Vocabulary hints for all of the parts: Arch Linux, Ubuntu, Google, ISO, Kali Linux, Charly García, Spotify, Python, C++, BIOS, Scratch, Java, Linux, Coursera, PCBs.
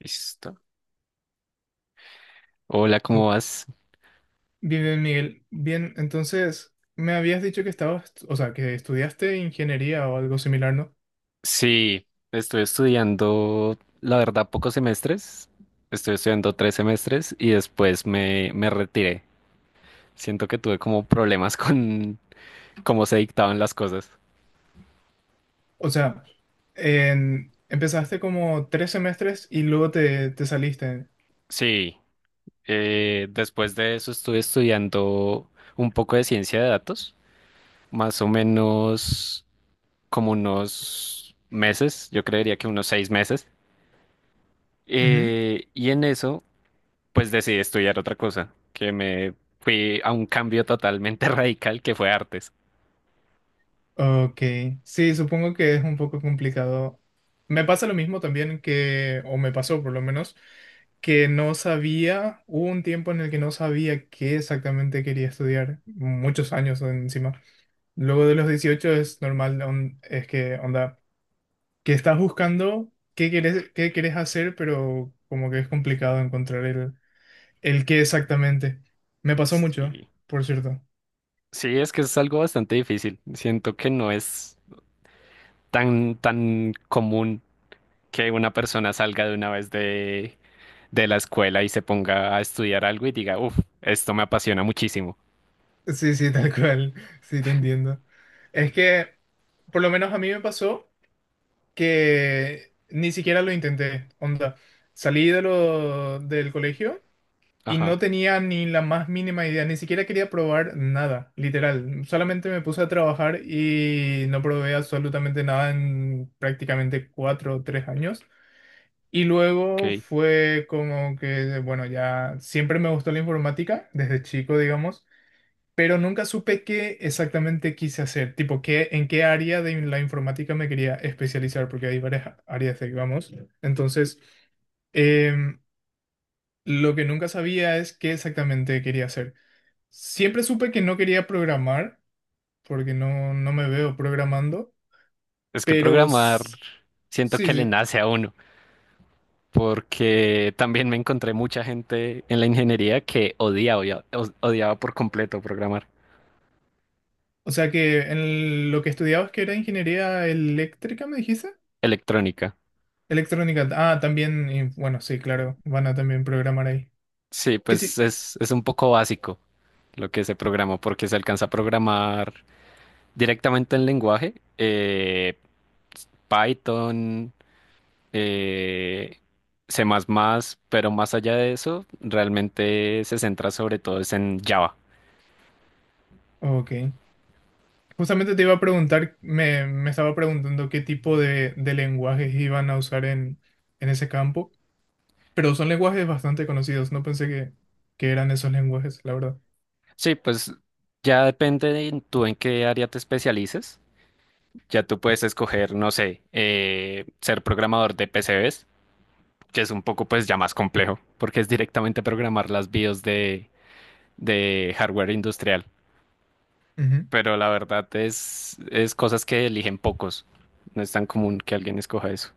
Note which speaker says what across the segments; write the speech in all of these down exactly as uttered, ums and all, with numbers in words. Speaker 1: Listo. Hola,
Speaker 2: Bien,
Speaker 1: ¿cómo vas?
Speaker 2: bien, Miguel. Bien, entonces me habías dicho que estabas, o sea, que estudiaste ingeniería o algo similar, ¿no?
Speaker 1: Sí, estoy estudiando, la verdad, pocos semestres. Estoy estudiando tres semestres y después me, me retiré. Siento que tuve como problemas con cómo se dictaban las cosas.
Speaker 2: O sea, en- empezaste como tres semestres y luego te, te saliste.
Speaker 1: Sí, eh, después de eso estuve estudiando un poco de ciencia de datos, más o menos como unos meses, yo creería que unos seis meses.
Speaker 2: Ujú.
Speaker 1: Eh, y en eso... pues decidí estudiar otra cosa, que me fui a un cambio totalmente radical que fue artes.
Speaker 2: Ok, sí, supongo que es un poco complicado. Me pasa lo mismo también que, o me pasó por lo menos, que no sabía, hubo un tiempo en el que no sabía qué exactamente quería estudiar, muchos años encima. Luego de los dieciocho es normal, on- es que onda, que estás buscando qué querés, qué querés hacer, pero como que es complicado encontrar el, el qué exactamente. Me pasó mucho,
Speaker 1: Sí,
Speaker 2: por cierto.
Speaker 1: sí, es que es algo bastante difícil. Siento que no es tan, tan común que una persona salga de una vez de, de la escuela y se ponga a estudiar algo y diga, uff, esto me apasiona muchísimo.
Speaker 2: Sí, sí, tal cual. Sí, te entiendo. Es que, por lo menos a mí me pasó que ni siquiera lo intenté. Onda, salí de lo, del colegio, y no
Speaker 1: Ajá,
Speaker 2: tenía ni la más mínima idea, ni siquiera quería probar nada, literal. Solamente me puse a trabajar y no probé absolutamente nada en prácticamente cuatro o tres años. Y luego
Speaker 1: ok.
Speaker 2: fue como que, bueno, ya siempre me gustó la informática, desde chico, digamos, pero nunca supe qué exactamente quise hacer, tipo, qué, en qué área de la informática me quería especializar, porque hay varias áreas, digamos. Entonces, em, lo que nunca sabía es qué exactamente quería hacer. Siempre supe que no quería programar, porque no, no me veo programando,
Speaker 1: Es que
Speaker 2: pero
Speaker 1: programar
Speaker 2: s-
Speaker 1: siento
Speaker 2: sí,
Speaker 1: que le
Speaker 2: sí.
Speaker 1: nace a uno, porque también me encontré mucha gente en la ingeniería que odiaba, odia- odiaba por completo programar.
Speaker 2: O sea que en lo que estudiabas que era ingeniería eléctrica, ¿me dijiste?
Speaker 1: Electrónica.
Speaker 2: Electrónica. Ah, también, y bueno, sí, claro, van a también programar ahí.
Speaker 1: Sí,
Speaker 2: ¿Qué
Speaker 1: pues
Speaker 2: ti-
Speaker 1: es, es un poco básico lo que se programó, porque se alcanza a programar directamente en lenguaje, eh, Python, eh, C más más, pero más allá de eso, realmente se centra sobre todo es en Java.
Speaker 2: Ok. Justamente te iba a preguntar, me, me estaba preguntando qué tipo de, de lenguajes iban a usar en, en ese campo, pero son lenguajes bastante conocidos, no pensé que, que eran esos lenguajes, la verdad.
Speaker 1: Sí, pues ya depende de tú en qué área te especialices. Ya tú puedes escoger, no sé, eh, ser programador de P C Bs, que es un poco pues ya más complejo, porque es directamente programar las BIOS de de hardware industrial, pero la verdad es, es cosas que eligen pocos. No es tan común que alguien escoja eso.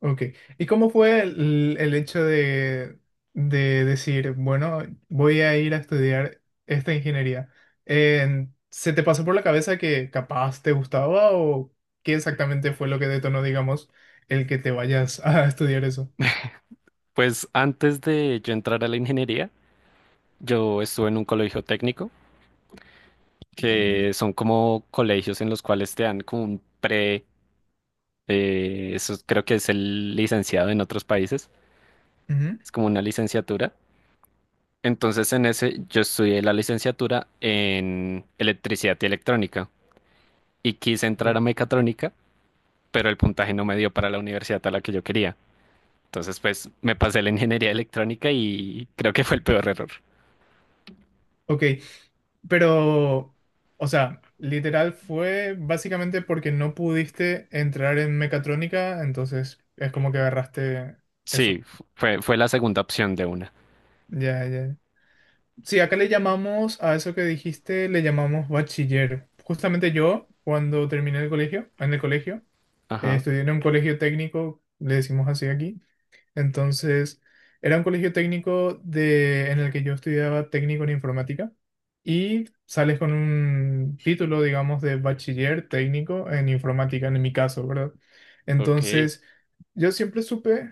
Speaker 2: Ok. ¿Y cómo fue el, el hecho de, de decir, bueno, voy a ir a estudiar esta ingeniería? En- ¿se te pasó por la cabeza que capaz te gustaba o qué exactamente fue lo que detonó, digamos, el que te vayas a estudiar eso?
Speaker 1: Pues antes de yo entrar a la ingeniería, yo estuve en un colegio técnico, que son como colegios en los cuales te dan como un pre, eh, eso creo que es el licenciado en otros países,
Speaker 2: Ujú.
Speaker 1: es como una licenciatura. Entonces en ese yo estudié la licenciatura en electricidad y electrónica y quise entrar
Speaker 2: Ok.
Speaker 1: a mecatrónica pero el puntaje no me dio para la universidad a la que yo quería. Entonces, pues me pasé la ingeniería electrónica y creo que fue el peor error.
Speaker 2: Ok, pero, o sea, literal fue básicamente porque no pudiste entrar en mecatrónica, entonces es como que agarraste eso.
Speaker 1: Sí, fue, fue la segunda opción de una.
Speaker 2: Ya, ya. Sí, acá le llamamos a eso que dijiste, le llamamos bachiller. Justamente yo, cuando terminé el colegio, en el colegio, eh,
Speaker 1: Ajá,
Speaker 2: estudié en un colegio técnico, le decimos así aquí. Entonces, era un colegio técnico de, en el que yo estudiaba técnico en informática y sales con un título, digamos, de bachiller técnico en informática, en mi caso, ¿verdad?
Speaker 1: ok.
Speaker 2: Entonces, yo siempre supe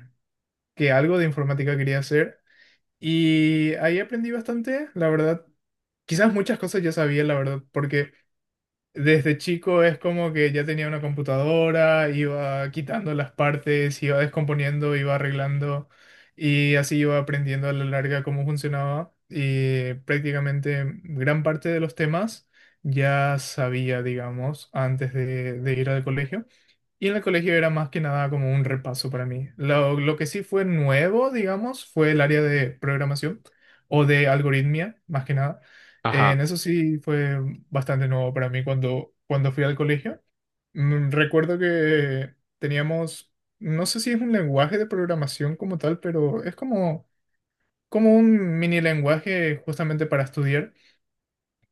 Speaker 2: que algo de informática quería hacer. Y ahí aprendí bastante, la verdad. Quizás muchas cosas ya sabía, la verdad, porque desde chico es como que ya tenía una computadora, iba quitando las partes, iba descomponiendo, iba arreglando y así iba aprendiendo a la larga cómo funcionaba, y prácticamente gran parte de los temas ya sabía, digamos, antes de, de ir al colegio. Y en el colegio era más que nada como un repaso para mí. Lo, lo que sí fue nuevo, digamos, fue el área de programación o de algoritmia, más que nada. Eh,
Speaker 1: Ajá.
Speaker 2: en eso sí fue bastante nuevo para mí cuando, cuando fui al colegio. Mm, Recuerdo que teníamos, no sé si es un lenguaje de programación como tal, pero es como, como un mini lenguaje justamente para estudiar,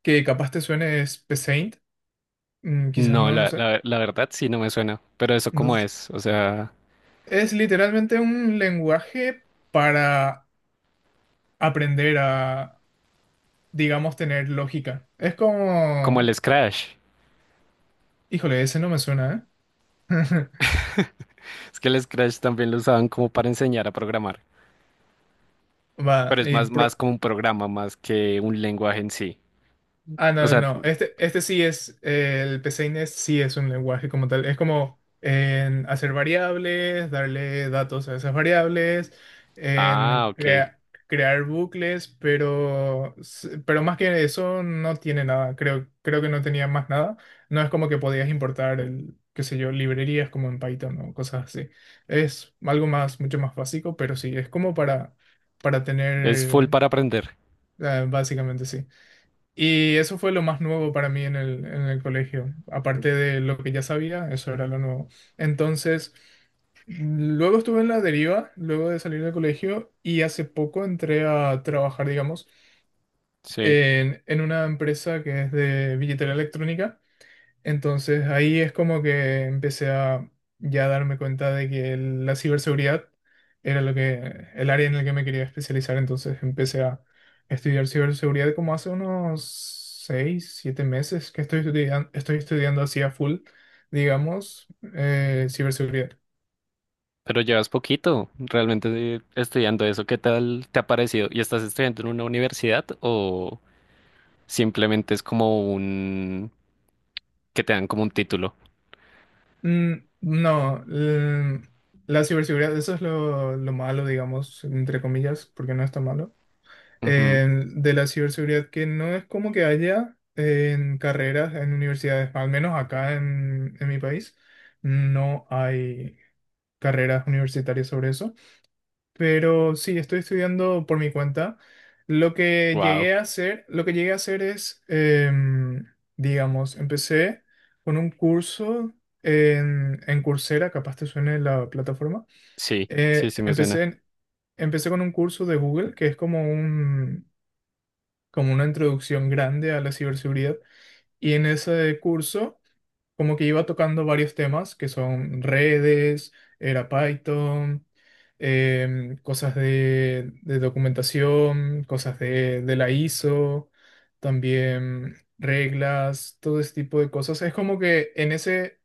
Speaker 2: que capaz te suene, es Paint, mm, quizás
Speaker 1: No,
Speaker 2: no, no
Speaker 1: la,
Speaker 2: sé.
Speaker 1: la, la verdad sí no me suena, pero eso
Speaker 2: No,
Speaker 1: cómo es, o sea,
Speaker 2: es literalmente un lenguaje para aprender a, digamos, tener lógica. Es
Speaker 1: como el
Speaker 2: como...
Speaker 1: Scratch.
Speaker 2: Híjole, ese no me suena, ¿eh?
Speaker 1: Es que el Scratch también lo usaban como para enseñar a programar,
Speaker 2: Va,
Speaker 1: pero es
Speaker 2: y
Speaker 1: más, más
Speaker 2: pro-
Speaker 1: como un programa, más que un lenguaje en sí.
Speaker 2: Ah, no,
Speaker 1: O
Speaker 2: no,
Speaker 1: sea,
Speaker 2: no. Este, este sí es, eh, el PCINES sí es un lenguaje como tal. Es como en hacer variables, darle datos a esas variables,
Speaker 1: ah,
Speaker 2: en
Speaker 1: ok.
Speaker 2: crea- crear bucles, pero, s- pero más que eso no tiene nada. Creo, creo que no tenía más nada. No es como que podías importar el, qué sé yo, librerías como en Python o cosas así. Es algo más, mucho más básico, pero sí, es como para, para
Speaker 1: Es full
Speaker 2: tener,
Speaker 1: para aprender.
Speaker 2: eh, básicamente sí. Y eso fue lo más nuevo para mí en el, en el colegio. Aparte de lo que ya sabía, eso era lo nuevo. Entonces, luego estuve en la deriva, luego de salir del colegio, y hace poco entré a trabajar, digamos,
Speaker 1: Sí.
Speaker 2: en, en una empresa que es de billetera electrónica. Entonces ahí es como que empecé a ya darme cuenta de que el- la ciberseguridad era lo que, el área en la que me quería especializar. Entonces empecé a estudiar ciberseguridad como hace unos seis, siete meses que estoy estudiando, estoy estudiando así a full, digamos, eh, ciberseguridad.
Speaker 1: Pero llevas poquito realmente eh, estudiando eso. ¿Qué tal te ha parecido? ¿Y estás estudiando en una universidad o simplemente es como un que te dan como un título?
Speaker 2: Mm, no, l- la ciberseguridad, eso es lo, lo malo, digamos, entre comillas, porque no está malo eh, de la ciberseguridad, que no es como que haya en carreras, en universidades, al menos acá en, en mi país, no hay carreras universitarias sobre eso. Pero sí, estoy estudiando por mi cuenta. Lo que
Speaker 1: Wow.
Speaker 2: llegué a hacer, lo que llegué a hacer es, em, digamos, empecé con un curso en, en Coursera, capaz te suene la plataforma.
Speaker 1: Sí, sí,
Speaker 2: Eh,
Speaker 1: sí me
Speaker 2: empecé
Speaker 1: suena.
Speaker 2: en- Empecé con un curso de Google, que es como un, como una introducción grande a la ciberseguridad. Y en ese curso, como que iba tocando varios temas que son redes, era Python, em, cosas de, de documentación, cosas de, de la I S O, también reglas, todo ese tipo de cosas. Es como que en ese,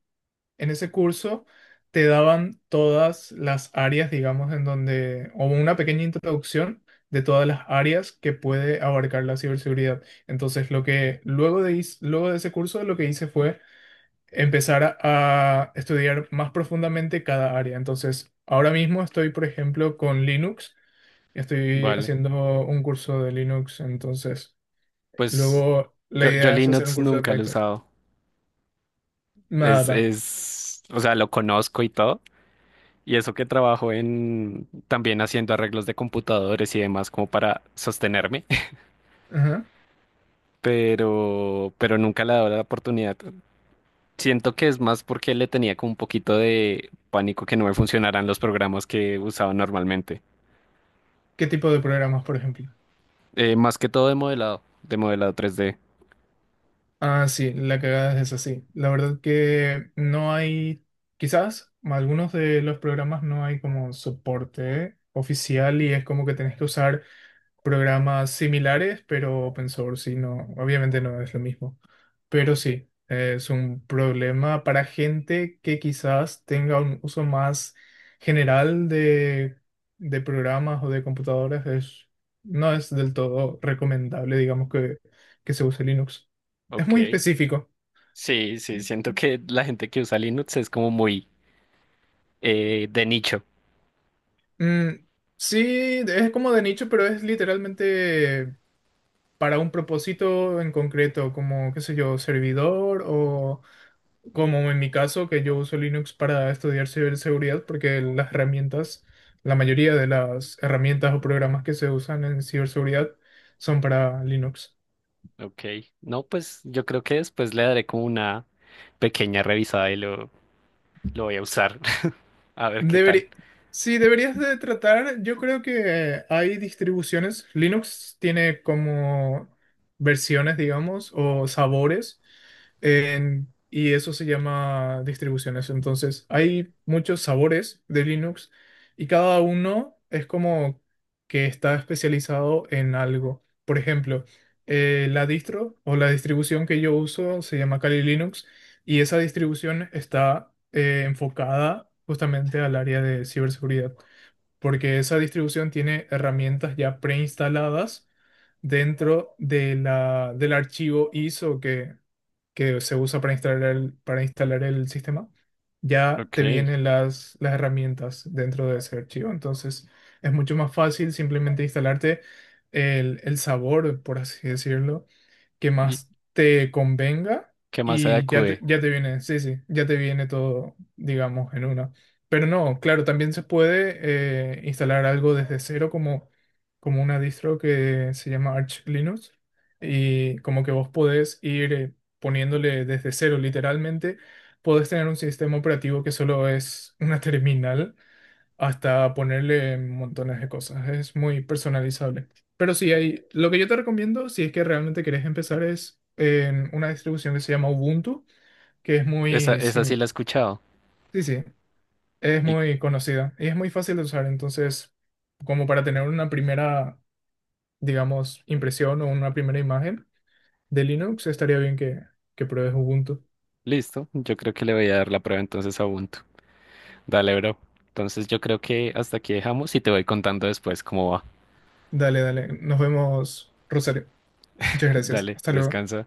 Speaker 2: en ese curso te daban todas las áreas, digamos, en donde, o una pequeña introducción de todas las áreas que puede abarcar la ciberseguridad. Entonces, lo que luego de, is- luego de ese curso, lo que hice fue empezar a, a estudiar más profundamente cada área. Entonces, ahora mismo estoy, por ejemplo, con Linux. Estoy
Speaker 1: Vale.
Speaker 2: haciendo un curso de Linux. Entonces,
Speaker 1: Pues
Speaker 2: luego la
Speaker 1: yo, yo
Speaker 2: idea es hacer un
Speaker 1: Linux
Speaker 2: curso de
Speaker 1: nunca lo he
Speaker 2: Python.
Speaker 1: usado. Es,
Speaker 2: Nada.
Speaker 1: es, o sea, lo conozco y todo. Y eso que trabajo en también haciendo arreglos de computadores y demás como para sostenerme.
Speaker 2: Ajá.
Speaker 1: Pero, pero nunca le he dado la oportunidad. Siento que es más porque le tenía como un poquito de pánico que no me funcionaran los programas que usaba normalmente.
Speaker 2: ¿Qué tipo de programas, por ejemplo?
Speaker 1: Eh, más que todo de modelado, de modelado tres d.
Speaker 2: Ah, sí, la cagada es así. La verdad que no hay, quizás algunos de los programas no hay como soporte oficial y es como que tenés que usar programas similares, pero open source, y no, obviamente no es lo mismo. Pero sí, es un problema para gente que quizás tenga un uso más general de, de programas o de computadoras. Es, no es del todo recomendable, digamos, que, que se use Linux. Es muy
Speaker 1: Ok.
Speaker 2: específico.
Speaker 1: Sí, sí, siento que la gente que usa Linux es como muy eh, de nicho.
Speaker 2: Mm, sí, es como de nicho, pero es literalmente para un propósito en concreto, como, qué sé yo, servidor o como en mi caso, que yo uso Linux para estudiar ciberseguridad, porque las herramientas, la mayoría de las herramientas o programas que se usan en ciberseguridad son para Linux.
Speaker 1: Ok. No, pues yo creo que después le daré como una pequeña revisada y lo, lo voy a usar. A ver qué tal.
Speaker 2: Deberí- sí, deberías de tratar, yo creo que hay distribuciones, Linux tiene como versiones, digamos, o sabores, en- y eso se llama distribuciones. Entonces, hay muchos sabores de Linux y cada uno es como que está especializado en algo. Por ejemplo, eh, la distro o la distribución que yo uso se llama Kali Linux. Y esa distribución está eh, enfocada justamente al área de ciberseguridad, porque esa distribución tiene herramientas ya preinstaladas dentro de la, del archivo I S O que que se usa para instalar el, para instalar el sistema, ya te
Speaker 1: Ok.
Speaker 2: vienen las, las herramientas dentro de ese archivo. Entonces es mucho más fácil simplemente instalarte el, el sabor, por así decirlo, que
Speaker 1: ¿Y
Speaker 2: más te convenga
Speaker 1: qué más se
Speaker 2: y ya te,
Speaker 1: acude?
Speaker 2: ya te viene, sí, sí, ya te viene todo, digamos, en una. Pero no, claro, también se puede eh, instalar algo desde cero como, como una distro que se llama Arch Linux y como que vos podés ir... eh, poniéndole desde cero literalmente, podés tener un sistema operativo que solo es una terminal hasta ponerle montones de cosas. Es muy personalizable. Pero sí, hay, lo que yo te recomiendo, si es que realmente querés empezar, es en una distribución que se llama Ubuntu, que es
Speaker 1: Esa,
Speaker 2: muy,
Speaker 1: esa sí
Speaker 2: sim-
Speaker 1: la he escuchado.
Speaker 2: sí, sí, es
Speaker 1: Y
Speaker 2: muy conocida y es muy fácil de usar. Entonces, como para tener una primera, digamos, impresión o una primera imagen de Linux, estaría bien que, que pruebes Ubuntu.
Speaker 1: listo. Yo creo que le voy a dar la prueba entonces a Ubuntu. Dale, bro. Entonces yo creo que hasta aquí dejamos y te voy contando después cómo va.
Speaker 2: Dale, dale. Nos vemos, Rosario. Muchas gracias.
Speaker 1: Dale,
Speaker 2: Hasta luego.
Speaker 1: descansa.